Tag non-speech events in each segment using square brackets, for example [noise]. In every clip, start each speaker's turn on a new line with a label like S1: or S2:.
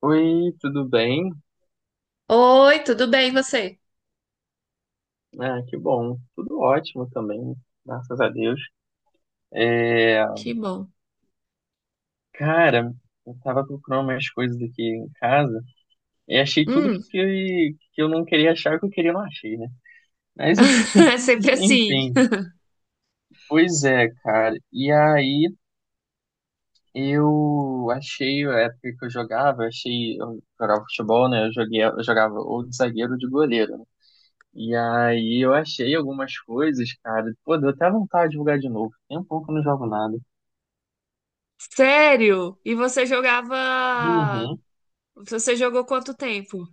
S1: Oi, tudo bem?
S2: Oi, tudo bem, e você?
S1: Ah, que bom. Tudo ótimo também, graças a Deus. É,
S2: Que bom.
S1: cara, eu tava procurando umas coisas aqui em casa e achei tudo que,
S2: Hum,
S1: que eu não queria achar, que eu queria não achei, né? Mas
S2: [laughs] é
S1: [laughs]
S2: sempre assim.
S1: enfim, pois é, cara. E aí eu achei, a época que eu jogava, achei, eu jogava futebol, né? Eu joguei, eu jogava ou de zagueiro ou de goleiro, né? E aí eu achei algumas coisas, cara. Pô, deu até vontade de jogar de novo. Tem um pouco que eu não jogo nada.
S2: Sério? E você jogava.
S1: Uhum.
S2: Você jogou quanto tempo?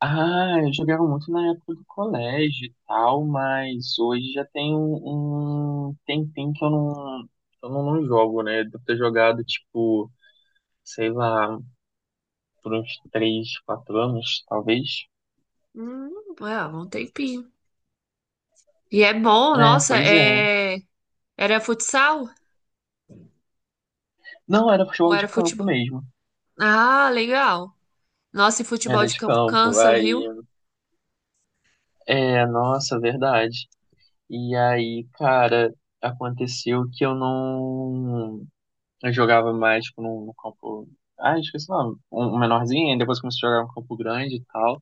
S1: Ah, eu jogava muito na época do colégio e tal, mas hoje já tem um tempinho que eu não jogo, né? Devo ter jogado, tipo, sei lá, por uns três quatro anos, talvez.
S2: Hum, é, há um tempinho. E é bom,
S1: É,
S2: nossa,
S1: pois é.
S2: é... Era futsal
S1: Não, era
S2: ou
S1: futebol
S2: era
S1: de campo
S2: futebol?
S1: mesmo.
S2: Ah, legal. Nossa, e
S1: Era
S2: futebol de
S1: de
S2: campo
S1: campo.
S2: cansa,
S1: Aí,
S2: viu?
S1: é, nossa, verdade. E aí, cara, aconteceu que eu não. Eu jogava mais, tipo, num campo. Ah, esqueci o nome. Um menorzinho, aí depois comecei a jogar no campo grande e tal.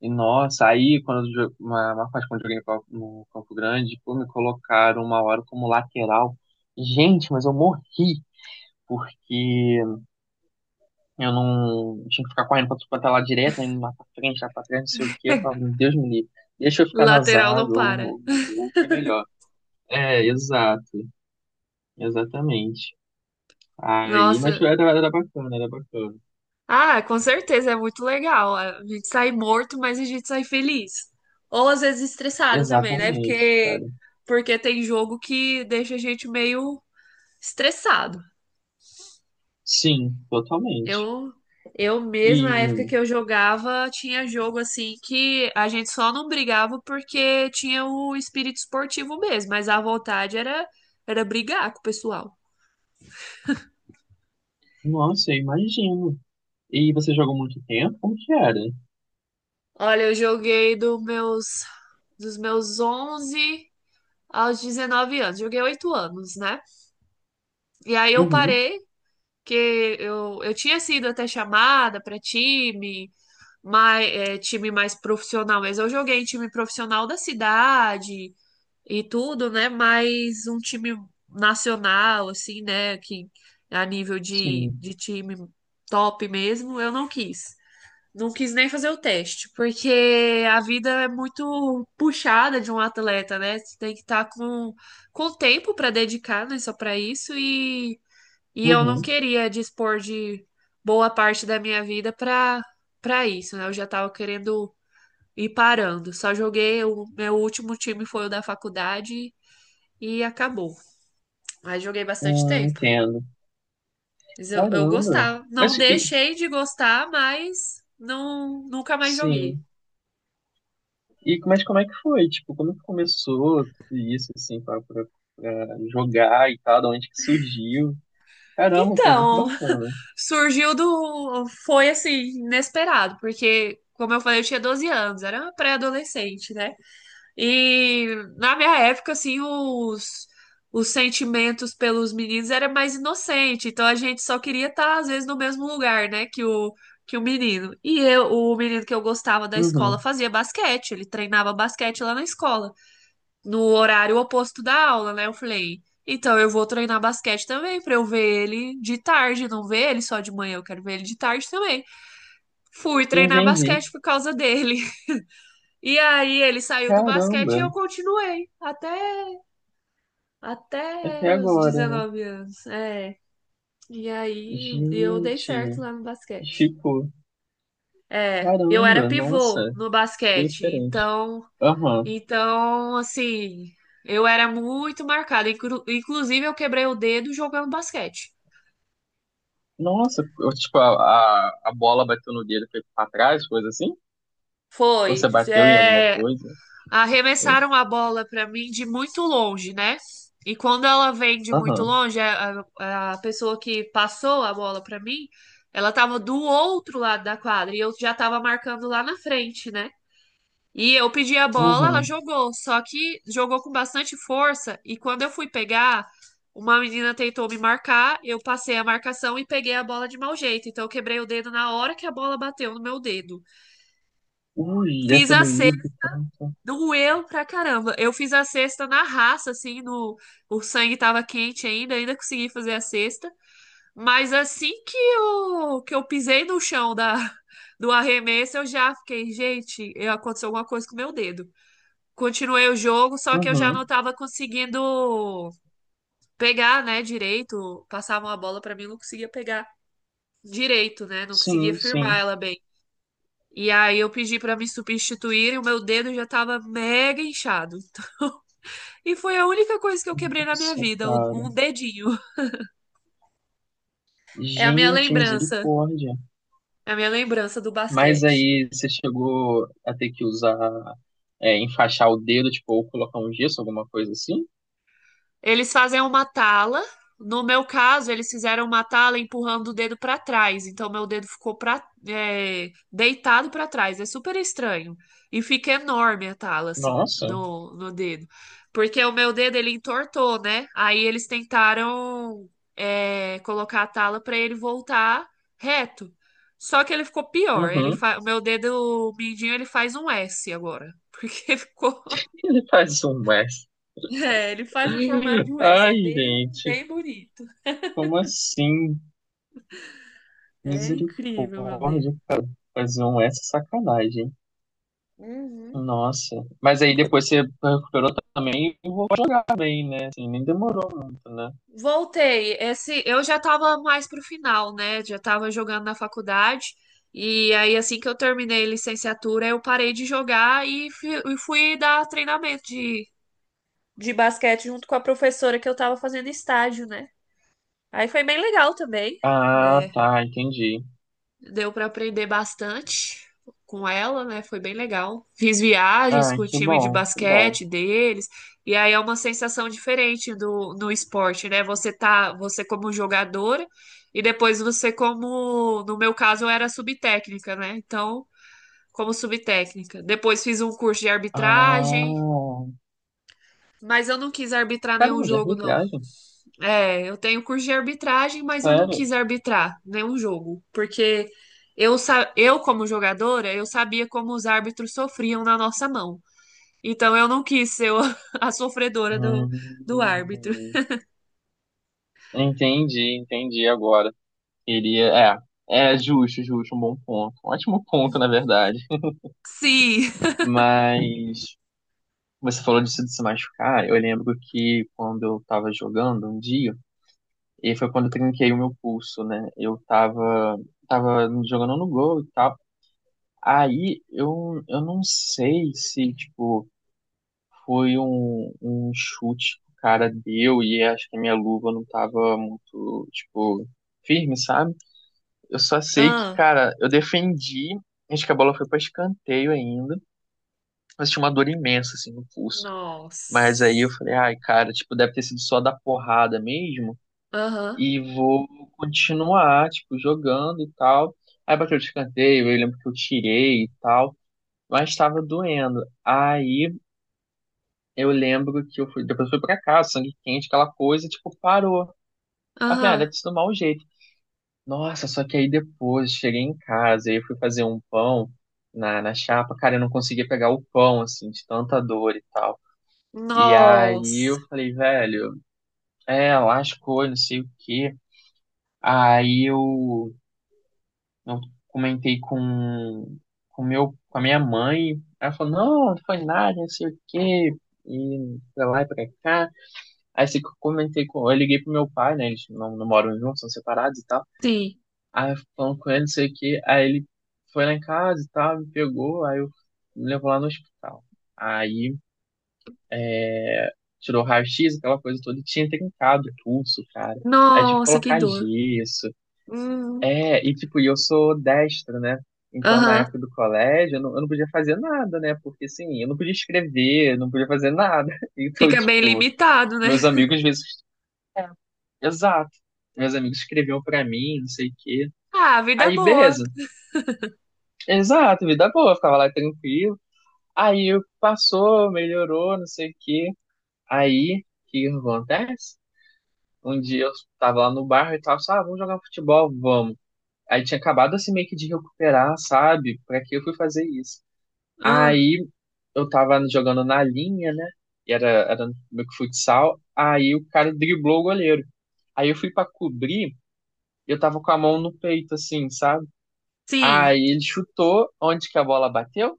S1: E nossa, aí quando uma parte quando eu joguei no campo grande, pô, me colocaram uma hora como lateral. Gente, mas eu morri, porque eu não tinha que ficar correndo pra tudo quanto é lá direto, né? Indo lá pra frente, lá pra trás, não sei o quê. Eu falava,
S2: [laughs]
S1: meu Deus me livre, deixa eu ficar na
S2: Lateral não
S1: zaga ou
S2: para.
S1: no gol, que é melhor. É, exato. Exatamente. Aí, mas
S2: Nossa.
S1: era bacana, era bacana.
S2: Ah, com certeza, é muito legal. A gente sai morto, mas a gente sai feliz. Ou às vezes estressado também, né?
S1: Exatamente,
S2: Porque,
S1: cara.
S2: porque tem jogo que deixa a gente meio estressado.
S1: Sim, totalmente.
S2: Eu, eu mesma, na época
S1: E,
S2: que eu jogava, tinha jogo assim que a gente só não brigava porque tinha o espírito esportivo mesmo, mas a vontade era, brigar com o pessoal.
S1: nossa, eu imagino. E você jogou muito tempo? Como que era?
S2: Olha, eu joguei dos meus 11 aos 19 anos, joguei 8 anos, né? E aí eu
S1: Uhum,
S2: parei, que eu tinha sido até chamada para time, mais, é, time mais profissional, mas eu joguei em time profissional da cidade e tudo, né? Mas um time nacional, assim, né? Que a nível de,
S1: sim.
S2: de time top mesmo, eu não quis. Não quis nem fazer o teste, porque a vida é muito puxada de um atleta, né? Você tem que estar com tempo para dedicar, né? Só para isso e eu não
S1: Uhum.
S2: queria dispor de boa parte da minha vida para isso, né? Eu já estava querendo ir parando. Só joguei, o meu último time foi o da faculdade e acabou. Mas joguei bastante tempo.
S1: Entendo.
S2: Mas eu
S1: Caramba.
S2: gostava. Não
S1: Mas,
S2: deixei de gostar, mas não, nunca mais joguei.
S1: sim. E, mas como é que foi? Tipo, como que começou tudo isso, assim, pra jogar e tal? De onde que surgiu? Caramba, pô, muito
S2: Então,
S1: bacana.
S2: surgiu do. Foi assim, inesperado, porque, como eu falei, eu tinha 12 anos, era uma pré-adolescente, né? E na minha época, assim, os, sentimentos pelos meninos era mais inocente. Então a gente só queria estar, às vezes, no mesmo lugar, né, que o menino. E eu, o menino que eu gostava da escola
S1: Uhum.
S2: fazia basquete. Ele treinava basquete lá na escola, no horário oposto da aula, né? Eu falei, então eu vou treinar basquete também, pra eu ver ele de tarde, não ver ele só de manhã, eu quero ver ele de tarde também. Fui treinar
S1: Entendi.
S2: basquete por causa dele. [laughs] E aí ele saiu do basquete e
S1: Caramba.
S2: eu continuei até
S1: Até
S2: Até os
S1: agora, né?
S2: 19 anos. É. E aí eu dei
S1: Gente,
S2: certo lá no basquete.
S1: ficou.
S2: É, eu era
S1: Caramba, nossa,
S2: pivô no
S1: bem
S2: basquete,
S1: diferente.
S2: então,
S1: Aham.
S2: então assim, eu era muito marcada. Inclusive, eu quebrei o dedo jogando basquete.
S1: Nossa, eu, tipo, a bola bateu no dedo e foi pra trás, coisa assim? Ou
S2: Foi.
S1: você bateu em alguma
S2: É,
S1: coisa? Foi?
S2: arremessaram a bola para mim de muito longe, né? E quando ela vem de muito
S1: Aham.
S2: longe, a pessoa que passou a bola para mim, ela tava do outro lado da quadra e eu já tava marcando lá na frente, né? E eu pedi a bola, ela
S1: Uhum.
S2: jogou, só que jogou com bastante força e quando eu fui pegar, uma menina tentou me marcar, eu passei a marcação e peguei a bola de mau jeito, então eu quebrei o dedo na hora que a bola bateu no meu dedo.
S1: Ui, deve
S2: Fiz
S1: ter
S2: a
S1: doído tanto.
S2: Doeu pra caramba. Eu fiz a cesta na raça, assim, no... o sangue tava quente ainda, ainda consegui fazer a cesta. Mas assim que eu pisei no chão da... [laughs] do arremesso, eu já fiquei, gente, aconteceu alguma coisa com o meu dedo. Continuei o jogo, só que eu já
S1: Uhum.
S2: não tava conseguindo pegar, né, direito. Passava uma bola pra mim, eu não conseguia pegar direito, né? Não conseguia
S1: Sim,
S2: firmar
S1: sim.
S2: ela bem. E aí eu pedi pra me substituir e o meu dedo já tava mega inchado. E foi a única coisa que eu quebrei na minha
S1: Nossa,
S2: vida, um
S1: cara.
S2: um dedinho. É a minha
S1: Gente,
S2: lembrança.
S1: misericórdia.
S2: É a minha lembrança do
S1: Mas
S2: basquete.
S1: aí você chegou a ter que usar, é, enfaixar o dedo, tipo, ou colocar um gesso, alguma coisa assim?
S2: Eles fazem uma tala. No meu caso, eles fizeram uma tala empurrando o dedo para trás. Então, meu dedo ficou pra, é, deitado para trás. É super estranho. E fica enorme a tala, assim,
S1: Nossa.
S2: no, dedo. Porque o meu dedo, ele entortou, né? Aí eles tentaram, é, colocar a tala para ele voltar reto. Só que ele ficou pior.
S1: Uhum.
S2: O meu dedo mindinho, ele faz um S agora. [laughs] Porque ficou
S1: Ele faz um Wes.
S2: é, ele faz o formato de um S, é
S1: Ai,
S2: bem,
S1: gente,
S2: bem bonito.
S1: como assim?
S2: É incrível, meu Deus.
S1: Misericórdia, cara. Fazer um S é sacanagem.
S2: Uhum.
S1: Nossa. Mas aí depois você recuperou também e vou jogar bem, né? Assim, nem demorou muito, né?
S2: Voltei. Esse, eu já tava mais pro final, né? Já tava jogando na faculdade. E aí, assim que eu terminei a licenciatura, eu parei de jogar e fui dar treinamento de basquete junto com a professora que eu tava fazendo estágio, né? Aí foi bem legal também.
S1: Ah,
S2: É,
S1: tá, entendi.
S2: deu para aprender bastante com ela, né? Foi bem legal. Fiz viagens
S1: Ah,
S2: com o
S1: que
S2: time de
S1: bom, que bom.
S2: basquete deles, e aí é uma sensação diferente do no esporte, né? Você tá, você como jogadora e depois você como, no meu caso, eu era subtécnica, né? Então, como subtécnica. Depois fiz um curso de arbitragem,
S1: Ah,
S2: mas eu não quis arbitrar nenhum
S1: caramba, de
S2: jogo, não.
S1: arbitragem?
S2: É, eu tenho curso de arbitragem, mas eu não
S1: Sério?
S2: quis arbitrar nenhum jogo, porque eu como jogadora, eu sabia como os árbitros sofriam na nossa mão. Então eu não quis ser [laughs] a sofredora do,
S1: Hum,
S2: do árbitro.
S1: entendi, entendi agora. Iria, é, é justo, justo, um bom ponto. Um ótimo ponto, na verdade.
S2: Sim.
S1: Mas você falou disso de se machucar. Eu lembro que quando eu tava jogando um dia, e foi quando eu trinquei o meu pulso, né? Eu tava jogando no gol e tal. Aí eu não sei se, tipo, foi um chute que o cara deu e acho que a minha luva não tava muito, tipo, firme, sabe? Eu só sei que,
S2: Ah,
S1: cara, eu defendi. Acho que a bola foi pra escanteio ainda. Mas tinha uma dor imensa, assim, no pulso. Mas aí eu
S2: nossa.
S1: falei, ai, cara, tipo, deve ter sido só da porrada mesmo.
S2: Aham,
S1: E vou continuar, tipo, jogando e tal. Aí bateu o escanteio, eu lembro que eu tirei e tal. Mas estava doendo. Aí eu lembro que eu fui, depois eu fui pra casa, sangue quente, aquela coisa, tipo, parou. Aí eu falei, ah,
S2: aham.
S1: deve ter sido mau jeito. Nossa, só que aí depois cheguei em casa e eu fui fazer um pão na chapa, cara, eu não conseguia pegar o pão, assim, de tanta dor e tal. E aí eu
S2: Nossa.
S1: falei, velho, é, lascou, e não sei o quê. Aí eu comentei com a minha mãe, ela falou, não, não foi nada, não sei o quê, e pra lá e pra cá. Aí assim, que eu comentei com, eu liguei pro meu pai, né, eles não moram juntos, são separados e tal.
S2: Sim.
S1: Aí eu falando com ele, não sei o quê. Aí ele foi lá em casa e tal, me pegou, aí eu me levou lá no hospital. Aí é, tirou raio-x, aquela coisa toda, e tinha trincado o pulso, cara. Aí tive que
S2: Nossa, que
S1: colocar
S2: dor.
S1: gesso.
S2: Hum,
S1: É, e tipo, e eu sou destro, né? Então, na
S2: Aham.
S1: época do colégio, eu não podia fazer nada, né? Porque, assim, eu não podia escrever, eu não podia fazer nada. [laughs] Então,
S2: Fica bem
S1: tipo,
S2: limitado, né?
S1: meus amigos, às vezes... Exato. Meus amigos escreviam pra mim, não sei o quê.
S2: Ah, vida é
S1: Aí,
S2: boa.
S1: beleza. Exato, vida boa. Eu ficava lá tranquilo. Aí passou, melhorou, não sei o quê. Aí, o que acontece? Um dia eu tava lá no bar e tal, sabe, ah, vamos jogar futebol, vamos. Aí tinha acabado assim meio que de recuperar, sabe? Pra que eu fui fazer isso?
S2: Ah,
S1: Aí eu tava jogando na linha, né? E era meio que futsal. Aí o cara driblou o goleiro. Aí eu fui pra cobrir, e eu tava com a mão no peito, assim, sabe?
S2: sim.
S1: Aí ele chutou onde que a bola bateu?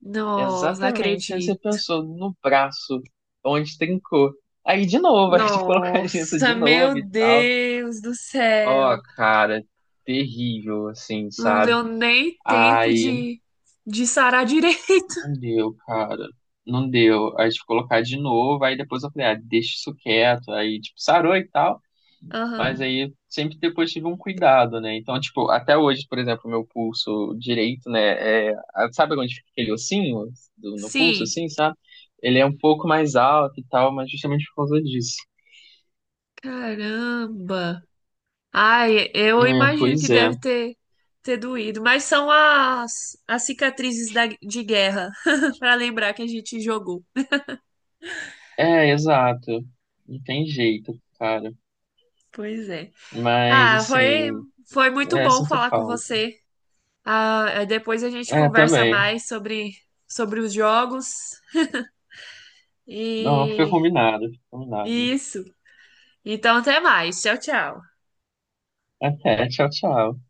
S2: Nossa, não
S1: Exatamente, onde você
S2: acredito.
S1: pensou no braço, onde trincou. Aí de novo, [laughs] aí de colocar gesso
S2: Nossa,
S1: de novo
S2: meu
S1: e tal.
S2: Deus do
S1: Ó,
S2: céu.
S1: cara, terrível, assim,
S2: Não
S1: sabe?
S2: deu nem tempo
S1: Aí
S2: de sarar [laughs] direito.
S1: não deu, cara. Não deu. Aí tive que colocar de novo, aí depois eu falei, ah, deixa isso quieto. Aí, tipo, sarou e tal.
S2: Aham.
S1: Mas aí sempre depois tive um cuidado, né? Então, tipo, até hoje, por exemplo, meu pulso direito, né? É, sabe onde fica aquele ossinho no pulso,
S2: Sim.
S1: assim, sabe? Ele é um pouco mais alto e tal, mas justamente por causa disso.
S2: Caramba. Ai,
S1: É,
S2: eu imagino
S1: pois
S2: que
S1: é.
S2: deve ter, ter doído. Mas são as, cicatrizes da, de guerra, [laughs] para lembrar que a gente jogou.
S1: É, exato. Não tem jeito, cara.
S2: Pois é.
S1: Mas,
S2: Ah, foi,
S1: assim,
S2: foi muito
S1: é,
S2: bom
S1: sinto
S2: falar com
S1: falta.
S2: você. Ah, depois a gente
S1: É,
S2: conversa
S1: também.
S2: mais sobre, os jogos.
S1: Não, fica
S2: E
S1: combinado, fica combinado.
S2: isso. Então, até mais. Tchau, tchau.
S1: Até, tchau, tchau.